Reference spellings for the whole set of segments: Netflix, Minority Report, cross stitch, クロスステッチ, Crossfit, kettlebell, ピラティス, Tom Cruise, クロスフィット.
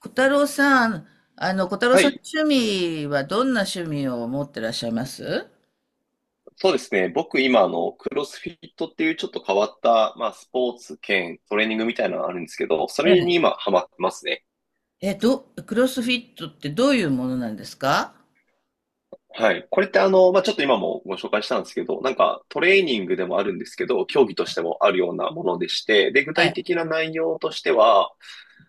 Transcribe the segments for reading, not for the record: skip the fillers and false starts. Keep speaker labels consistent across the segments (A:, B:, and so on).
A: 小太郎さん、小太郎
B: は
A: さんの
B: い、
A: 趣味はどんな趣味を持ってらっしゃいます？
B: そうですね。僕今クロスフィットっていうちょっと変わった、まあスポーツ兼トレーニングみたいなのがあるんですけど、そ
A: え
B: れに
A: え。
B: 今ハマってますね。
A: え、ど、クロスフィットってどういうものなんですか？
B: はい。これってまあちょっと今もご紹介したんですけど、なんかトレーニングでもあるんですけど、競技としてもあるようなものでして、で、具
A: は
B: 体
A: い。
B: 的な内容としては、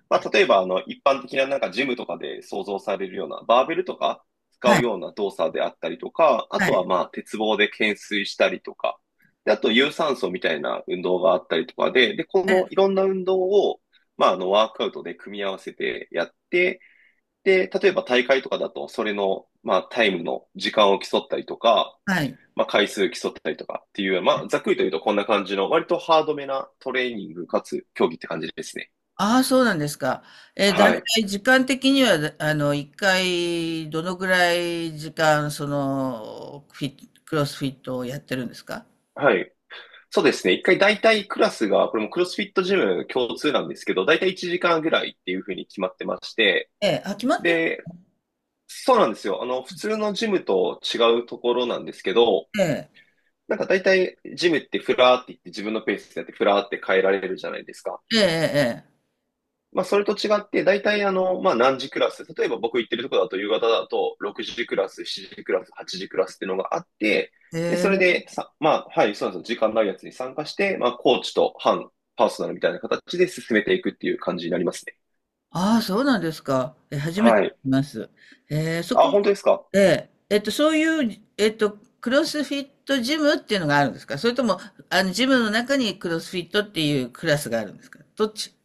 B: まあ、例えば、一般的ななんかジムとかで想像されるような、バーベルとか使
A: は
B: う
A: い。
B: ような動作であったりとか、あ
A: は
B: とは
A: い。
B: まあ、鉄棒で懸垂したりとか、で、あと有酸素みたいな運動があったりとかで、で、このいろんな運動を、まあ、ワークアウトで組み合わせてやって、で、例えば大会とかだと、それの、まあ、タイムの時間を競ったりとか、
A: はい。
B: まあ、回数競ったりとかっていう、まあ、ざっくりと言うとこんな感じの、割とハードめなトレーニングかつ競技って感じですね。
A: ああ、そうなんですか。だい
B: は
A: た
B: い。
A: い時間的には、一回、どのぐらい時間、その、フィット、クロスフィットをやってるんですか？
B: はい。そうですね。一回大体クラスが、これもクロスフィットジム共通なんですけど、大体1時間ぐらいっていうふうに決まってまして、
A: ええ、あ、決まってる。
B: で、そうなんですよ。普通のジムと違うところなんですけど、
A: ええ、
B: なんか大体ジムってフラーって言って自分のペースでやってフラーって変えられるじゃないですか。
A: ええ、
B: まあ、それと違って、大体、まあ、何時クラス、例えば僕行ってるとこだと、夕方だと、6時クラス、7時クラス、8時クラスっていうのがあって、で、
A: え
B: それ
A: え。ええ。
B: でさ、まあ、はい、そうなんですよ。時間ないやつに参加して、まあ、コーチと半パーソナルみたいな形で進めていくっていう感じになりますね。
A: ああ、そうなんですか。初めて
B: は
A: 聞
B: い。
A: きます。そこ
B: あ、本当ですか？
A: で、そういう、クロスフィットジムっていうのがあるんですか？それとも、ジムの中にクロスフィットっていうクラスがあるんですか？どっち？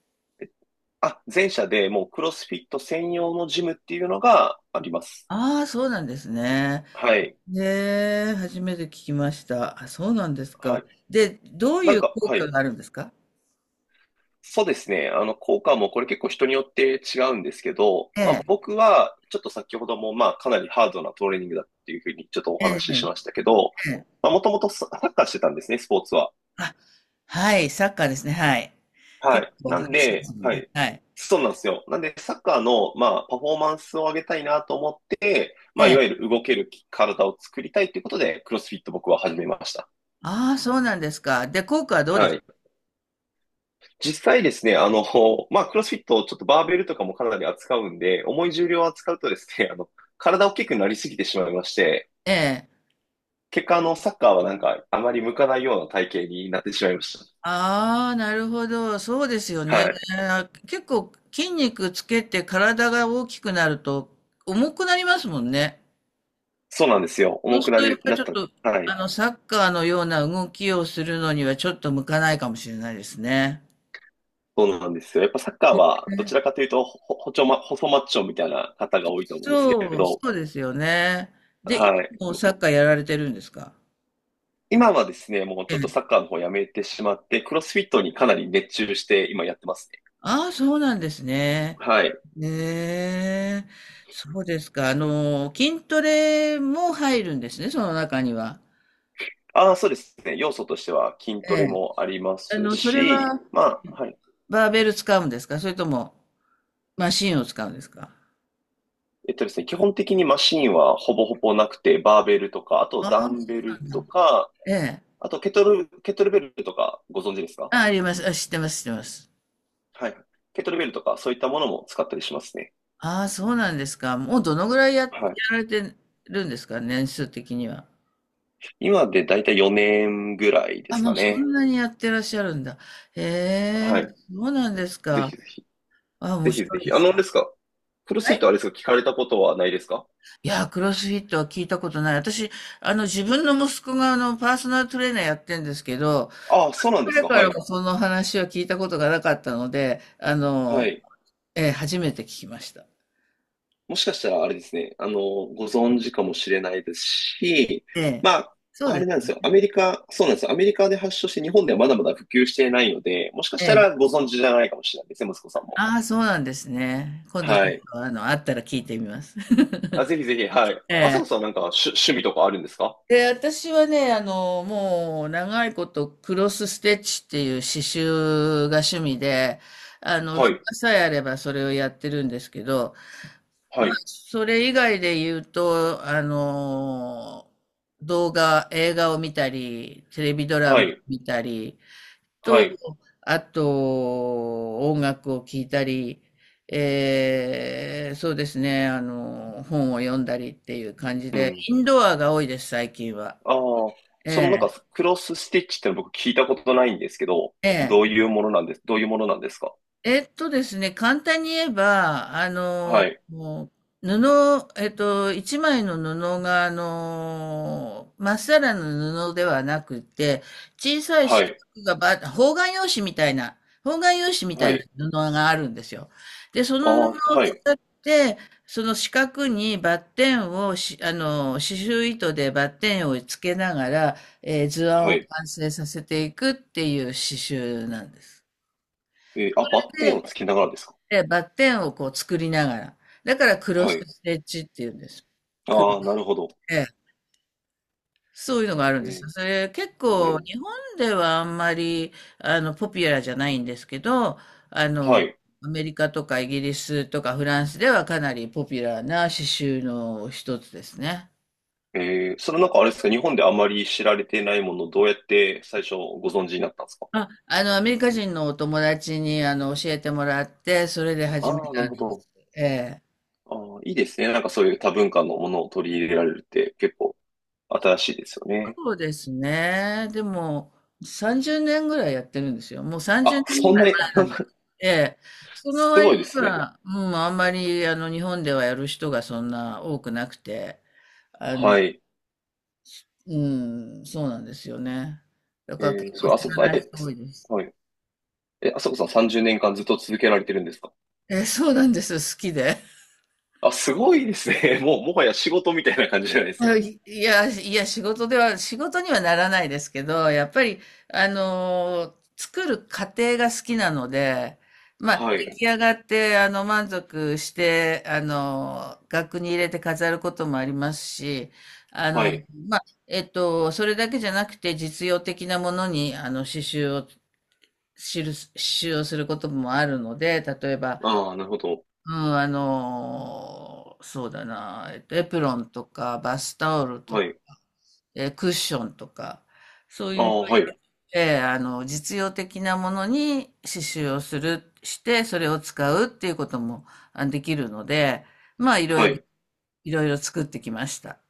B: あ、前者でもうクロスフィット専用のジムっていうのがあります。
A: ああー、そうなんですね。
B: はい。
A: で、初めて聞きました。あ、そうなんです
B: は
A: か。
B: い。
A: で、どう
B: な
A: い
B: ん
A: う
B: か、
A: 効
B: は
A: 果
B: い。
A: があるんですか？
B: そうですね。効果もこれ結構人によって違うんですけど、
A: え
B: まあ
A: え、
B: 僕はちょっと先ほどもまあかなりハードなトレーニングだっていうふうにちょっとお
A: え
B: 話しし
A: え、
B: ましたけど、
A: ええ。
B: まあもともとサッカーしてたんですね、スポーツは。
A: あ、はい、サッカーですね。はい。
B: は
A: 結
B: い。
A: 構
B: なん
A: 激しいで
B: で、
A: すもん
B: は
A: ね。
B: い。
A: はい。
B: そうなんですよ。なんでサッカーのまあパフォーマンスを上げたいなと思って、まあいわゆる動ける体を作りたいということで、クロスフィット僕は始めました。
A: ああ、そうなんですか。で、効果はどうで
B: は
A: し。
B: い。実際ですね、まあ、クロスフィット、ちょっとバーベルとかもかなり扱うんで、重い重量を扱うとですね、体大きくなりすぎてしまいまして、
A: ええ。
B: 結果、サッカーはなんか、あまり向かないような体型になってしまいまし
A: ああ、なるほど。そうですよ
B: た。
A: ね。
B: はい。
A: 結構筋肉つけて体が大きくなると重くなりますもんね。
B: そうなんですよ。
A: そう
B: 重
A: す
B: く
A: る
B: な
A: とやっ
B: り、
A: ぱり
B: な
A: ち
B: っ
A: ょっ
B: た。
A: と、
B: はい。
A: サッカーのような動きをするのにはちょっと向かないかもしれないですね。
B: そうなんですよ。やっぱサッカーは、どちらかというと、ほ、ほちょま、細マッチョみたいな方が多いと思うんですけれど、
A: そうですよね。で、
B: はい。
A: 今もサッカーやられてるんですか？
B: 今はですね、もうちょっとサッカーの方やめてしまって、クロスフィットにかなり熱中して、今やってますね。
A: ああ、そうなんですね。
B: はい。
A: ねえ、そうですか。筋トレも入るんですね、その中には。
B: ああ、そうですね。要素としては筋トレ
A: え
B: もありま
A: え。
B: す
A: それ
B: し、
A: は
B: まあ、はい。
A: バーベル使うんですか？それともマシンを使うんですか？
B: えっとですね、基本的にマシンはほぼほぼなくて、バーベルとか、あと
A: ああ、そ
B: ダンベル
A: うな
B: と
A: んだ。
B: か、
A: ええ。
B: あとケトル、ケトルベルとかご存知ですか？
A: あ、あります。あ、知ってます、知ってます。
B: はい。ケトルベルとか、そういったものも使ったりしますね。
A: ああ、そうなんですか。もうどのぐらいや
B: はい。
A: られてるんですか？年数的には。
B: 今でだいたい4年ぐらいで
A: あ、
B: す
A: も
B: か
A: うそ
B: ね。
A: んなにやってらっしゃるんだ。へえ、
B: はい。
A: そうなんです
B: ぜひ
A: か。
B: ぜひ。
A: あ、面
B: ぜひ
A: 白
B: ぜ
A: いで
B: ひ。
A: す。
B: あれですか？プロ
A: は
B: スイー
A: い。
B: トあれですか？聞かれたことはないですか？
A: いやー、クロスフィットは聞いたことない。私、自分の息子が、パーソナルトレーナーやってんですけど、
B: ああ、そうなんです
A: 彼
B: か。
A: か
B: は
A: ら
B: い。
A: もその話は聞いたことがなかったので、
B: はい。
A: 初めて聞きました。
B: もしかしたらあれですね、ご存知かもしれないですし、
A: ええ、
B: まあ、
A: そう
B: あ
A: で
B: れなん
A: す
B: ですよ。
A: ね。
B: アメリカ、そうなんですよ。アメリカで発祥して日本ではまだまだ普及していないので、もしか
A: え
B: した
A: え。
B: らご存知じゃないかもしれないですね、息子さんも。
A: ああ、そうなんですね。今度ち
B: は
A: ょっ
B: い。
A: と、あったら聞いてみます。
B: あ、ぜひぜひ、はい。
A: え
B: 朝
A: え。
B: 子さんなんか趣味とかあるんですか？
A: で、私はね、もう、長いこと、クロスステッチっていう刺繍が趣味で、
B: は
A: 暇
B: い、
A: さえあればそれをやってるんですけど、
B: は
A: まあ、
B: い、
A: それ以外で言うと、動画、映画を見たり、テレビドラ
B: は
A: マを
B: い、
A: 見たり、
B: は
A: と、
B: い。
A: あと、音楽を聴いたり、そうですね、本を読んだりっていう感じ
B: う
A: で、
B: ん。
A: インドアが多いです、最近は。
B: ああ、
A: え
B: その
A: え、
B: なんかクロスステッチっての僕聞いたことないんですけど、
A: え
B: ど
A: え。
B: ういうものなんです、どういうものなんですか？
A: ですね、簡単に言えば、
B: はい、
A: もう布、一枚の布が、まっさらの布ではなくて、小さい四
B: はい、
A: 角がば、方眼用紙みたいな、方眼用紙みた
B: は
A: いな
B: い。
A: 布があるんですよ。で、そ
B: あ
A: の布
B: あ、
A: を
B: は
A: 使
B: い、
A: って、その四角にバッテンをし、刺繍糸でバッテンをつけながら、図案
B: は
A: を
B: い。
A: 完成させていくっていう刺繍なんです。
B: えーあ、バッテンをつけながらですか？
A: で、バッテンをこう作りながら。だからクロ
B: は
A: ス
B: い。
A: ステッチっていうんです。く
B: ああ、なるほど。
A: ええ。そういうのがあるん
B: え
A: です
B: ー
A: よ。それ結
B: う
A: 構
B: ん、
A: 日本ではあんまりポピュラーじゃないんですけど、あ
B: は
A: の、
B: い。
A: アメリカとかイギリスとかフランスではかなりポピュラーな刺繍の一つですね。
B: えー、それなんかあれですか？日本であまり知られていないものをどうやって最初ご存知になったんですか？
A: あ、アメリカ人のお友達に教えてもらって、それで始め
B: ああー、な
A: た
B: る
A: ん
B: ほ
A: で
B: ど。
A: す。ええ。
B: ああ、いいですね。なんかそういう多文化のものを取り入れられるって結構新しいですよね。
A: そうですね。でも、30年ぐらいやってるんですよ。もう30
B: あ、
A: 年
B: そ
A: ぐ
B: ん
A: らい
B: なに、
A: 前
B: あ、
A: なんだけど。ええ。その
B: すご
A: 割
B: い
A: に
B: ですね。
A: は、うん、あんまり、日本ではやる人がそんな多くなくて、あの、
B: はい。
A: うん、そうなんですよね。だ
B: え
A: から結
B: ー、
A: 構
B: そう、
A: 知
B: あそこさ
A: ら
B: ん、
A: ない
B: え、
A: 人多
B: す、
A: いです。
B: はい。え、あそこさん30年間ずっと続けられてるんですか？
A: ええ、そうなんです。好きで。
B: あ、すごいですね。もう、もはや仕事みたいな感じじゃないです
A: う
B: か。
A: ん。いいや、仕事では、仕事にはならないですけど、やっぱり、作る過程が好きなので、まあ、
B: は
A: 出
B: い。
A: 来上がって、満足して、額に入れて飾ることもありますし、あ
B: は
A: の、
B: い。
A: それだけじゃなくて、実用的なものに、刺繍をすることもあるので、例えば、
B: ああ、なるほど。
A: うん、そうだな、エプロンとか、バスタオルと
B: は
A: か、
B: い。
A: クッションとか、そう
B: あ
A: いう、
B: あ、はい。
A: えーあの、実用的なものに刺繍をする、して、それを使うっていうこともできるので、まあ、
B: はい。
A: いろいろ作ってきました。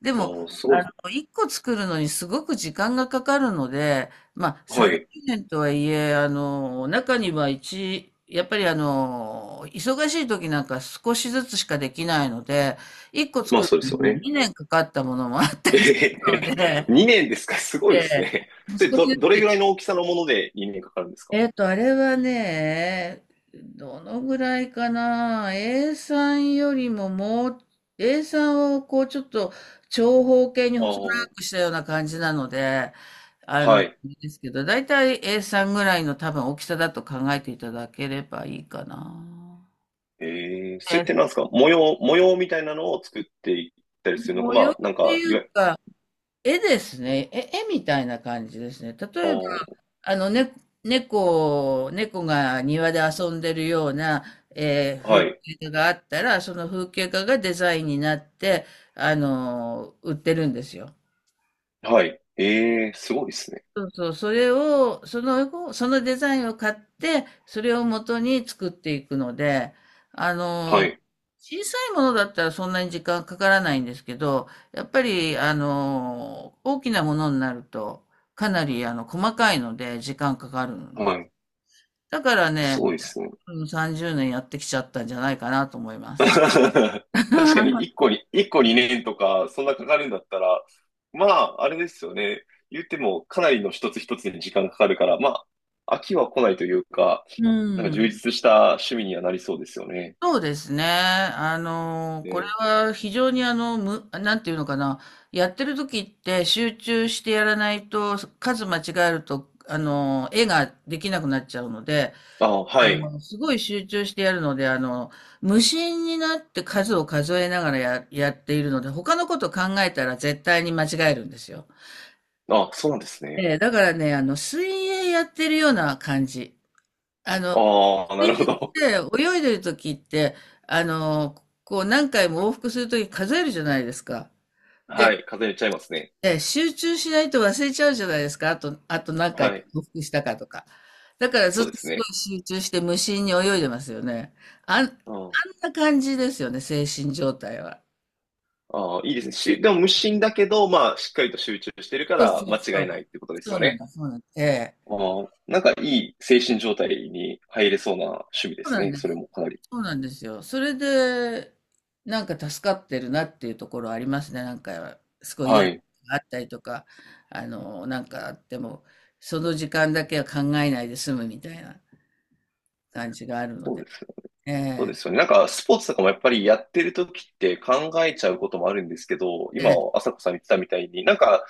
A: で
B: あ
A: も、
B: あ、すごいです。
A: 一個作るのにすごく時間がかかるので、まあ、
B: はい。
A: 30年とはいえ、あの、中には一、やっぱり忙しい時なんか少しずつしかできないので、一個
B: まあ、
A: 作る
B: そうです
A: の
B: よ
A: に
B: ね。
A: 2年かかったものもあった
B: え
A: り
B: へ
A: するので、
B: へ、2年ですか？すごい
A: え
B: です
A: え、
B: ね。そ
A: 息
B: れ
A: 子の
B: ど、
A: やつ
B: どれぐ
A: で
B: らいの大きさのもので2年かかるんですか？
A: あれはね、どのぐらいかな、A さんよりももう、A さんをこうちょっと長方形に
B: あ
A: 細
B: あ、
A: 長くしたような感じなので、あの、
B: はい。
A: ですけど、だいたい A さんぐらいの多分大きさだと考えていただければいいかな。
B: ええ、それっ
A: え、
B: てなんですか？模様みたいなのを作っていったりするのか、
A: 模様っ
B: まあ、なん
A: て
B: か、
A: い
B: い
A: う
B: わ、
A: か、絵ですね。絵みたいな感じですね。
B: ああ、
A: あの、ね、猫が庭で遊んでるような、
B: は
A: 風
B: い、
A: 景画があったら、その風景画がデザインになって、売ってるんですよ。
B: はい。ええ、すごいですね。
A: そうそう、それを、その、そのデザインを買って、それを元に作っていくので、あの、
B: はい。
A: 小さいものだったらそんなに時間かからないんですけど、やっぱり、大きなものになると、かなり、細かいので、時間かかるの
B: は
A: で。
B: い。
A: だから
B: す
A: ね、
B: ごいですね。
A: うん、30年やってきちゃったんじゃないかなと思いま す。
B: 確かに1 個に、一個2年とか、そんなかかるんだったら、まあ、あれですよね。言っても、かなりの一つ一つに時間かかるから、まあ、飽きは来ないというか、
A: う
B: なんか充
A: ん。
B: 実した趣味にはなりそうですよね。
A: そうですね。これ
B: ね。
A: は非常になんていうのかな。やってる時って集中してやらないと、数間違えると、絵ができなくなっちゃうので、
B: あ、はい。
A: すごい集中してやるので、無心になって数を数えながらやっているので、他のこと考えたら絶対に間違えるんですよ。
B: あ、そうなんですね。
A: ええ、だからね、水泳やってるような感じ。あの、
B: ああ、なる
A: 水
B: ほ
A: 泳っ
B: ど。
A: て泳いでる時って、あの、こう何回も往復する時数えるじゃないですか。で、
B: はい。風邪ひいちゃいますね。
A: 集中しないと忘れちゃうじゃないですか。あと何回
B: はい。
A: 往復したかとか。だからず
B: そ
A: っ
B: うで
A: と
B: す
A: すご
B: ね。
A: い集中して無心に泳いでますよね。あん
B: うん。
A: な感じですよね、精神状態は。
B: ああ、いいですね。し、でも無心だけど、まあ、しっかりと集中してるか
A: そう
B: ら、
A: そう
B: 間
A: そ
B: 違いない
A: う。
B: ってことです
A: そう
B: よ
A: なん
B: ね。
A: だ、そうなんだ。ええ。
B: ああ、なんかいい精神状態に入れそうな趣味で
A: そう
B: す
A: なん
B: ね。
A: で
B: それ
A: す。
B: もかなり。
A: そうなんですよ。それで、なんか助かってるなっていうところありますね。なんか、すごい嫌
B: は
A: なこ
B: い。
A: とがあったりとか、なんかあっても、その時間だけは考えないで済むみたいな感じがあるの
B: そ
A: で。
B: うですよね。
A: え
B: そうで
A: え、
B: すよね。なんかスポーツとかもやっぱりやってる時って考えちゃうこともあるんですけど、
A: え
B: 今、
A: え、
B: 朝子さん言ってたみたいに、なんか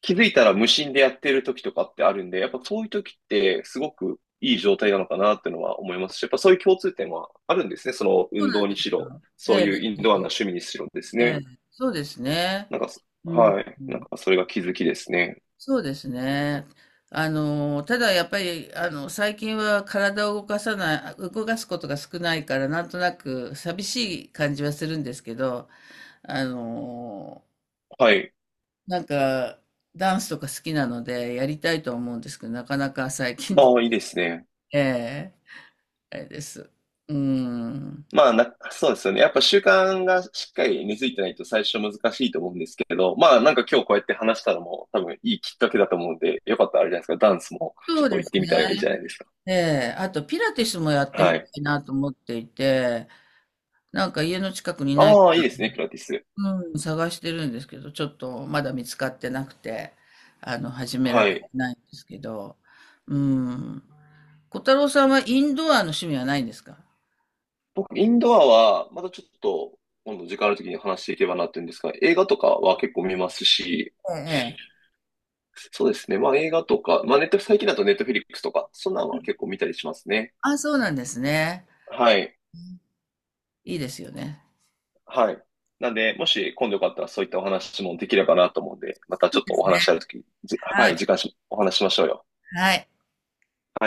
B: 気づいたら無心でやってる時とかってあるんで、やっぱそういう時ってすごくいい状態なのかなっていうのは思いますし、やっぱそういう共通点はあるんですね。その
A: そう
B: 運
A: なん
B: 動
A: で
B: にし
A: す
B: ろ、
A: よ。え
B: そう
A: え、
B: いう
A: そ
B: インドアな
A: うです。
B: 趣味にしろです
A: え
B: ね。
A: え、そうですね。
B: なんかそ、
A: うん、
B: はい。
A: う
B: なん
A: ん。
B: かそれが気づきですね。
A: そうですね。ただやっぱり、最近は体を動かさない、動かすことが少ないから、なんとなく寂しい感じはするんですけど、あのー
B: はい。
A: なんか、ダンスとか好きなので、やりたいとは思うんですけど、なかなか最近で、
B: ああ、いいですね。
A: ええ。あれです。うん。
B: まあな、そうですよね。やっぱ習慣がしっかり根付いてないと最初難しいと思うんですけど、まあなんか今日こうやって話したのも多分いいきっかけだと思うんで、よかったらあれじゃないですか。ダンスも
A: そ
B: ちょっ
A: う
B: と
A: で
B: 行っ
A: す
B: てみ
A: ね。
B: たらいいじゃないですか。
A: ええ。あと、ピラティスもやってみ
B: は
A: た
B: い。
A: いなと思っていて、なんか家の近くにない、
B: ああ、いいですね、ピラティス。
A: うん、探してるんですけど、ちょっとまだ見つかってなくて、始められ
B: は
A: て
B: い。
A: ないんですけど、うん。小太郎さんはインドアの趣味はないんですか？
B: 僕、インドアはまたちょっと今度時間ある時に話していけばなっていうんですが、映画とかは結構見ますし、
A: ええ。ええ。
B: そうですね。まあ映画とか、まあネット、最近だとネットフィリックスとか、そんなのは結構見たりしますね。
A: あ、そうなんですね。
B: はい。
A: いいですよね。
B: はい。なんで、もし今度よかったらそういったお話もできればなと思うんで、また
A: そ
B: ち
A: う
B: ょっ
A: で
B: とお
A: すね、
B: 話しあるとき、は
A: はい、
B: い、時間し、お話しましょうよ。
A: はい。
B: はい。